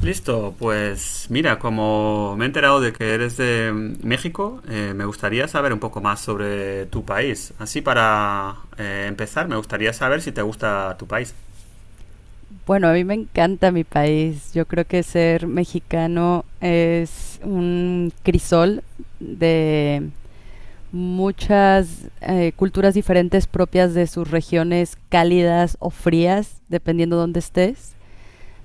Listo, pues mira, como me he enterado de que eres de México, me gustaría saber un poco más sobre tu país. Así para empezar, me gustaría saber si te gusta tu país. Bueno, a mí me encanta mi país. Yo creo que ser mexicano es un crisol de muchas culturas diferentes propias de sus regiones cálidas o frías, dependiendo dónde estés,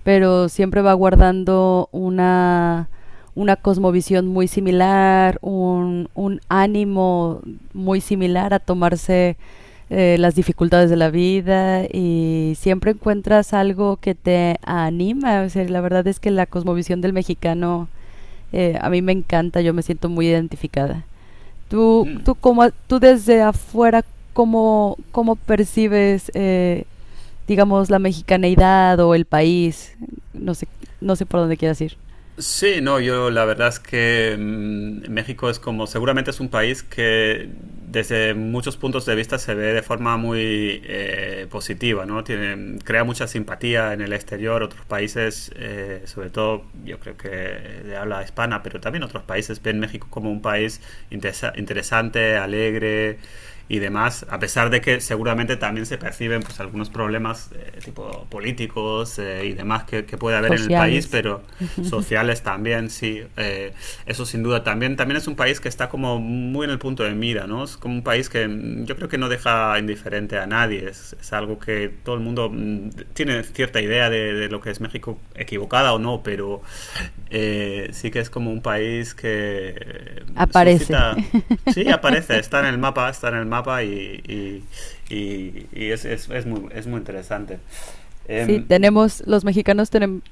pero siempre va guardando una cosmovisión muy similar, un ánimo muy similar a tomarse las dificultades de la vida y siempre encuentras algo que te anima. O sea, la verdad es que la cosmovisión del mexicano a mí me encanta, yo me siento muy identificada. Tú, Mm. tú, como, tú desde afuera, ¿ cómo percibes, digamos, la mexicaneidad o el país, no sé, no sé por dónde quieras ir, Sí, no, yo la verdad es que México es como, seguramente es un país que desde muchos puntos de vista se ve de forma muy positiva, ¿no? Tiene, crea mucha simpatía en el exterior, otros países, sobre todo yo creo que de habla hispana, pero también otros países ven México como un país interesante, alegre, y demás, a pesar de que seguramente también se perciben pues algunos problemas tipo políticos y demás que puede haber en el país, sociales, pero sociales también, sí, eso sin duda también, también es un país que está como muy en el punto de mira, ¿no? Es como un país que yo creo que no deja indiferente a nadie, es algo que todo el mundo tiene cierta idea de lo que es México, equivocada o no, pero sí que es como un país que eh, aparece. suscita. Sí, aparece, está en el mapa, está en el mapa y es, es muy interesante. Sí, Em, tenemos, los mexicanos tenemos,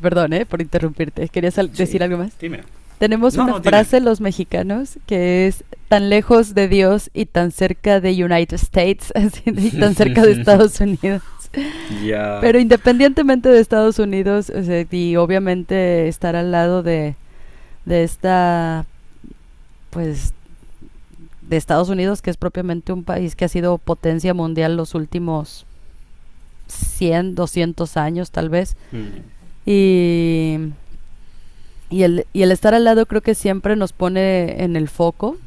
perdón, por interrumpirte, querías decir sí, algo más. dime. Tenemos No, una no, dime. frase los mexicanos que es tan lejos de Dios y tan cerca de United States así, y tan cerca de Estados Unidos. Ya. Pero independientemente de Estados Unidos, o sea, y obviamente estar al lado de esta, pues de Estados Unidos, que es propiamente un país que ha sido potencia mundial los últimos 100 200 años tal vez. Y, y el estar al lado creo que siempre nos pone en el foco,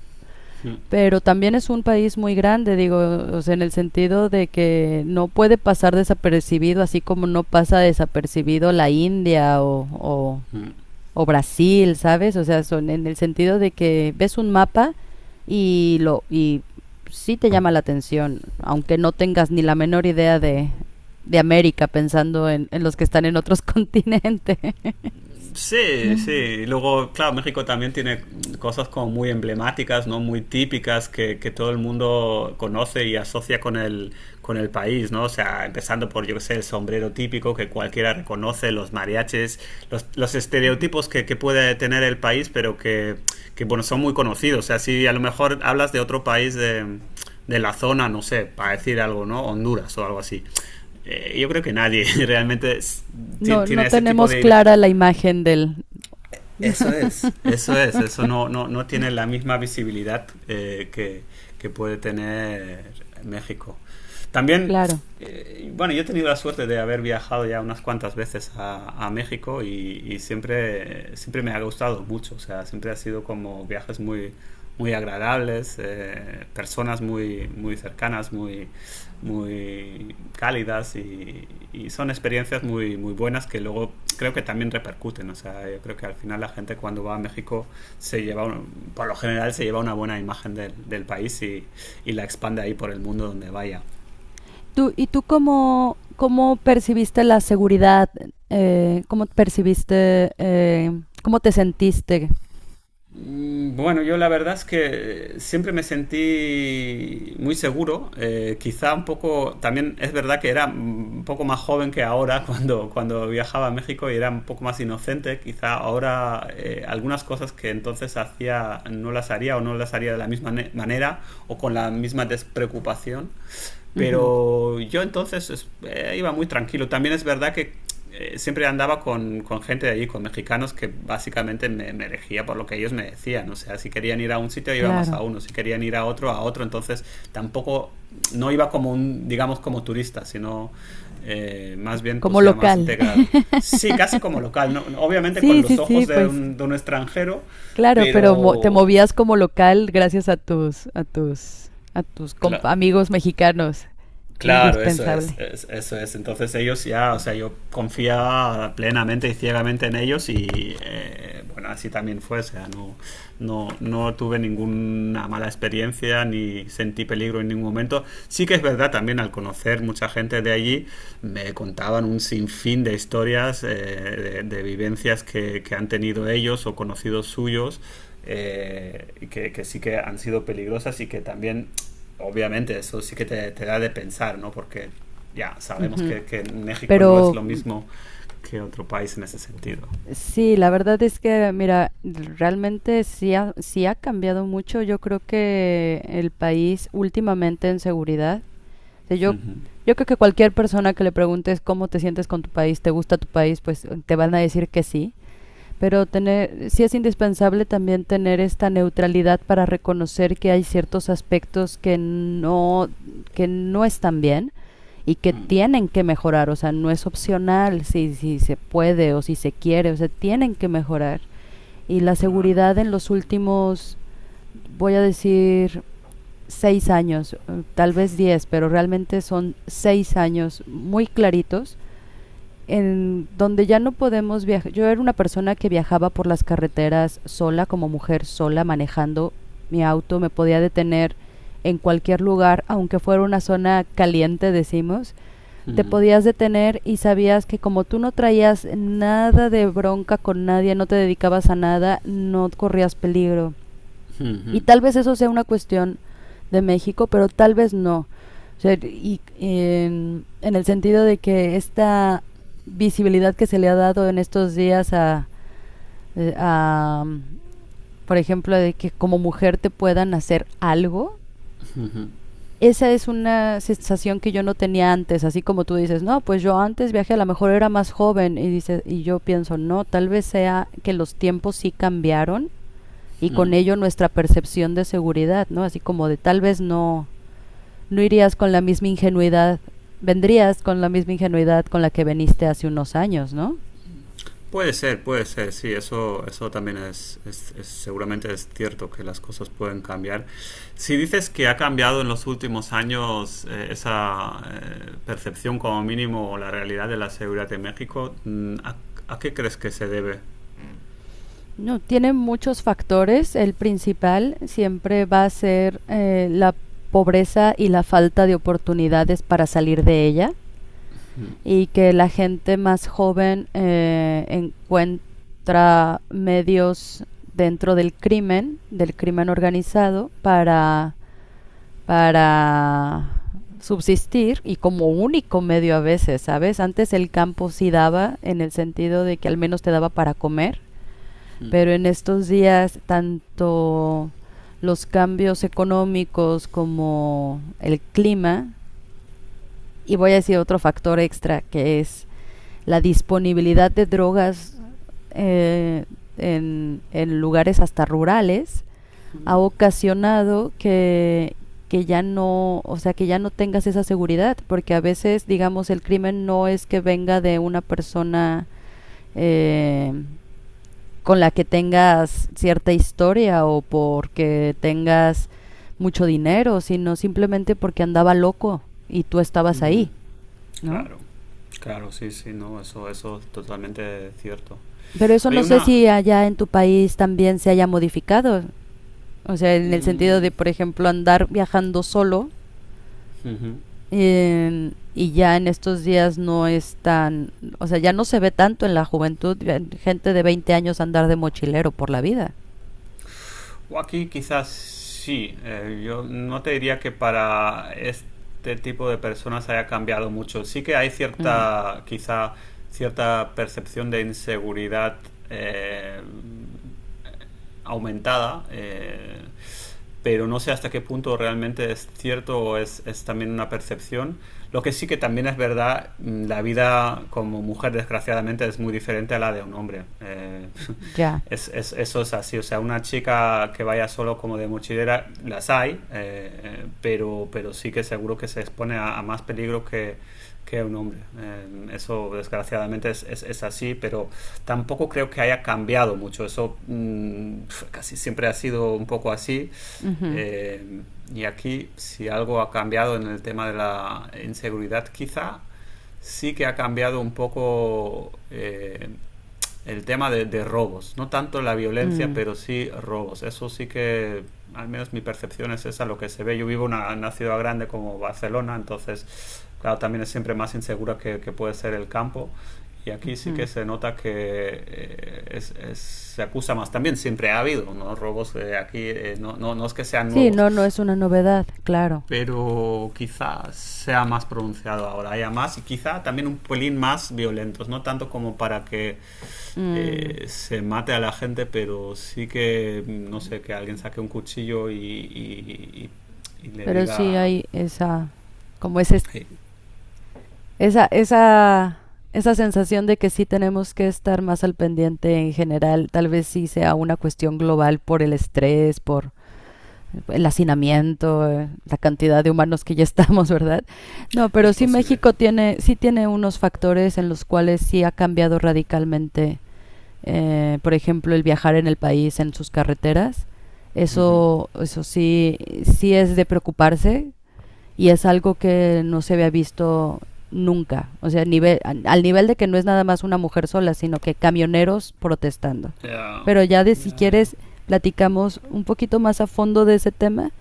Mm, pero también es un país muy grande, digo, o sea, en el sentido de que no puede pasar desapercibido, así como no pasa desapercibido la India o mm. o Brasil, ¿sabes? O sea, son en el sentido de que ves un mapa y sí te llama la atención, aunque no tengas ni la menor idea de América pensando en los que están en otros continentes. Sí, sí. Luego, claro, México también tiene cosas como muy emblemáticas, ¿no? Muy típicas que todo el mundo conoce y asocia con el país, ¿no? O sea, empezando por, yo qué sé, el sombrero típico que cualquiera reconoce, los mariachis, los estereotipos que puede tener el país, pero bueno, son muy conocidos. O sea, si a lo mejor hablas de otro país de la zona, no sé, para decir algo, ¿no? Honduras o algo así. Yo creo que nadie realmente No, no tiene ese tipo tenemos de, clara la imagen del... eso es. Eso es, eso no, no, no tiene la misma visibilidad que puede tener México. También, Claro. Bueno, yo he tenido la suerte de haber viajado ya unas cuantas veces a México y siempre, siempre me ha gustado mucho, o sea, siempre ha sido como viajes muy, muy agradables, personas muy, muy cercanas, muy, muy cálidas y son experiencias muy, muy buenas que luego creo que también repercuten. O sea, yo creo que al final la gente cuando va a México se lleva, un- por lo general se lleva una buena imagen del país y la expande ahí por el mundo donde vaya. ¿Tú, ¿y tú cómo, cómo percibiste la seguridad? ¿Cómo percibiste, cómo te sentiste? Bueno, yo la verdad es que siempre me sentí muy seguro, quizá un poco, también es verdad que era un poco más joven que ahora cuando viajaba a México y era un poco más inocente, quizá ahora algunas cosas que entonces hacía no las haría o no las haría de la misma manera o con la misma despreocupación. Ujú, Pero yo entonces iba muy tranquilo. También es verdad que siempre andaba con gente de allí, con mexicanos, que básicamente me elegía por lo que ellos me decían. O sea, si querían ir a un sitio, iba más a claro, uno. Si querían ir a otro, a otro. Entonces tampoco, no iba como un, digamos, como turista, sino más bien, como pues ya más local. integrado. Sí, casi como local, ¿no? Obviamente con Sí, sí, los ojos sí, pues de un extranjero, claro, pero te pero... movías como local gracias a tus Claro. amigos mexicanos, Claro, eso es, indispensable. Eso es. Entonces ellos ya, o sea, yo confiaba plenamente y ciegamente en ellos y bueno, así también fue. O sea, no, no, no tuve ninguna mala experiencia ni sentí peligro en ningún momento. Sí que es verdad también al conocer mucha gente de allí, me contaban un sinfín de historias, de vivencias que han tenido ellos o conocidos suyos y que sí que han sido peligrosas y que también obviamente eso sí que te da de pensar, ¿no? Porque ya sabemos Ujú. Que México no es Pero lo mm, mismo que otro país en ese sentido. sí, la verdad es que mira, realmente sí ha cambiado mucho, yo creo que el país últimamente en seguridad. O sea, yo creo que cualquier persona que le preguntes cómo te sientes con tu país, te gusta tu país, pues te van a decir que sí. Pero tener, sí es indispensable también tener esta neutralidad para reconocer que hay ciertos aspectos que no están bien y que tienen que mejorar, o sea, no es opcional si se puede o si se quiere, o sea, tienen que mejorar. Y la Claro. seguridad en los últimos, voy a decir, 6 años, tal vez 10, pero realmente son 6 años muy claritos en donde ya no podemos viajar. Yo era una persona que viajaba por las carreteras sola, como mujer sola, manejando mi auto, me podía detener en cualquier lugar, aunque fuera una zona caliente, decimos, te Ujú, podías detener y sabías que como tú no traías nada de bronca con nadie, no te dedicabas a nada, no corrías peligro. Y ujú, tal vez eso sea una cuestión de México, pero tal vez no. O sea, y en el sentido de que esta visibilidad que se le ha dado en estos días a, por ejemplo, de que como mujer te puedan hacer algo, esa es una sensación que yo no tenía antes, así como tú dices, no, pues yo antes viajé, a lo mejor era más joven, y, dice, y yo pienso, no, tal vez sea que los tiempos sí cambiaron y ujú. con ello nuestra percepción de seguridad, ¿no? Así como de tal vez no, no irías con la misma ingenuidad, vendrías con la misma ingenuidad con la que veniste hace unos años, ¿no? Puede ser, sí, eso también es, seguramente es cierto que las cosas pueden cambiar. Si dices que ha cambiado en los últimos años esa percepción como mínimo o la realidad de la seguridad en México, a qué crees que se debe? No, tiene muchos factores. El principal siempre va a ser, la pobreza y la falta de oportunidades para salir de ella y que la gente más joven, encuentra medios dentro del crimen organizado, para subsistir y como único medio a veces, ¿sabes? Antes el campo sí daba en el sentido de que al menos te daba para comer, pero en estos días tanto los cambios económicos como el clima y voy a decir otro factor extra que es la disponibilidad de drogas, eh, en lugares hasta rurales ha ocasionado que ya no, o sea, que ya no tengas esa seguridad, porque a veces, digamos, el crimen no es que venga de una persona, eh, con la que tengas cierta historia o porque tengas mucho dinero, sino simplemente porque andaba loco y tú estabas Ujú. ahí, ¿no? Claro, claro, sí, sí, no, eso es totalmente cierto. Pero eso no Oye, sé una... si allá en tu país también se haya modificado. O sea, en el sentido mm, de, por ejemplo, andar viajando solo. ujú. Y ya en estos días no es tan, o sea, ya no se ve tanto en la juventud gente de 20 años andar de mochilero por la vida. O aquí quizás sí, yo no te diría que para este tipo de personas haya cambiado mucho. Sí que hay Mm, cierta, quizá, cierta percepción de inseguridad eh, aumentada. Pero no sé hasta qué punto realmente es cierto o es también una percepción. Lo que sí que también es verdad, la vida como mujer desgraciadamente es muy diferente a la de un hombre. Ya. Es, eso es así, o sea, una chica que vaya solo como de mochilera, las hay, pero sí que seguro que se expone a más peligro que un hombre. Eso desgraciadamente es, así, pero tampoco creo que haya cambiado mucho. Eso casi siempre ha sido un poco así. Ujú, Eh, y aquí, si algo ha cambiado en el tema de la inseguridad, quizá sí que ha cambiado un poco el tema de robos. No tanto la violencia, mm, pero sí robos. Eso sí que, al menos mi percepción es esa, lo que se ve. Yo vivo en una ciudad grande como Barcelona, entonces, claro, también es siempre más insegura que puede ser el campo y aquí sí ujú. que se nota que se acusa más. También siempre ha habido, ¿no?, robos no, no, no es que sean Sí, nuevos, no, no es una novedad, claro. pero quizá sea más pronunciado ahora, haya más y quizá también un pelín más violentos, no tanto como para que Mm, se mate a la gente, pero sí que, no sé, que alguien saque un cuchillo y le pero sí diga... hay esa, como ese, "Hey". esa, esa, esa sensación de que sí tenemos que estar más al pendiente en general. Tal vez sí sea una cuestión global por el estrés, por el hacinamiento, la cantidad de humanos que ya estamos, ¿verdad? No, Es pero sí posible. México tiene, sí tiene unos factores en los cuales sí ha cambiado radicalmente, por ejemplo, el viajar en el país, en sus carreteras. Ujú. Eso sí, sí es de preocuparse y es algo que no se había visto nunca, o sea, nivel, al nivel de que no es nada más una mujer sola, sino que camioneros protestando. Ya, Pero ya, de si ya, ya. quieres platicamos un poquito más a fondo de ese tema,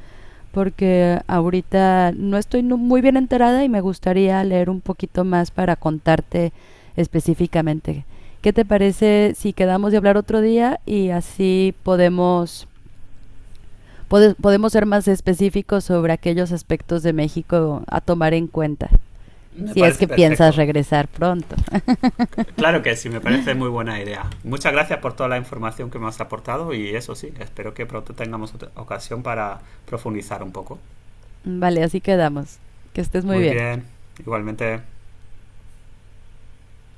porque ahorita no estoy muy bien enterada y me gustaría leer un poquito más para contarte específicamente. ¿Qué te parece si quedamos de hablar otro día y así podemos, podemos ser más específicos sobre aquellos aspectos de México a tomar en cuenta? Me Si es parece que piensas perfecto. regresar pronto. Claro que sí, me parece muy buena idea. Muchas gracias por toda la información que me has aportado y eso sí, espero que pronto tengamos otra ocasión para profundizar un poco. Vale, así quedamos. Que estés muy Muy bien. bien, igualmente.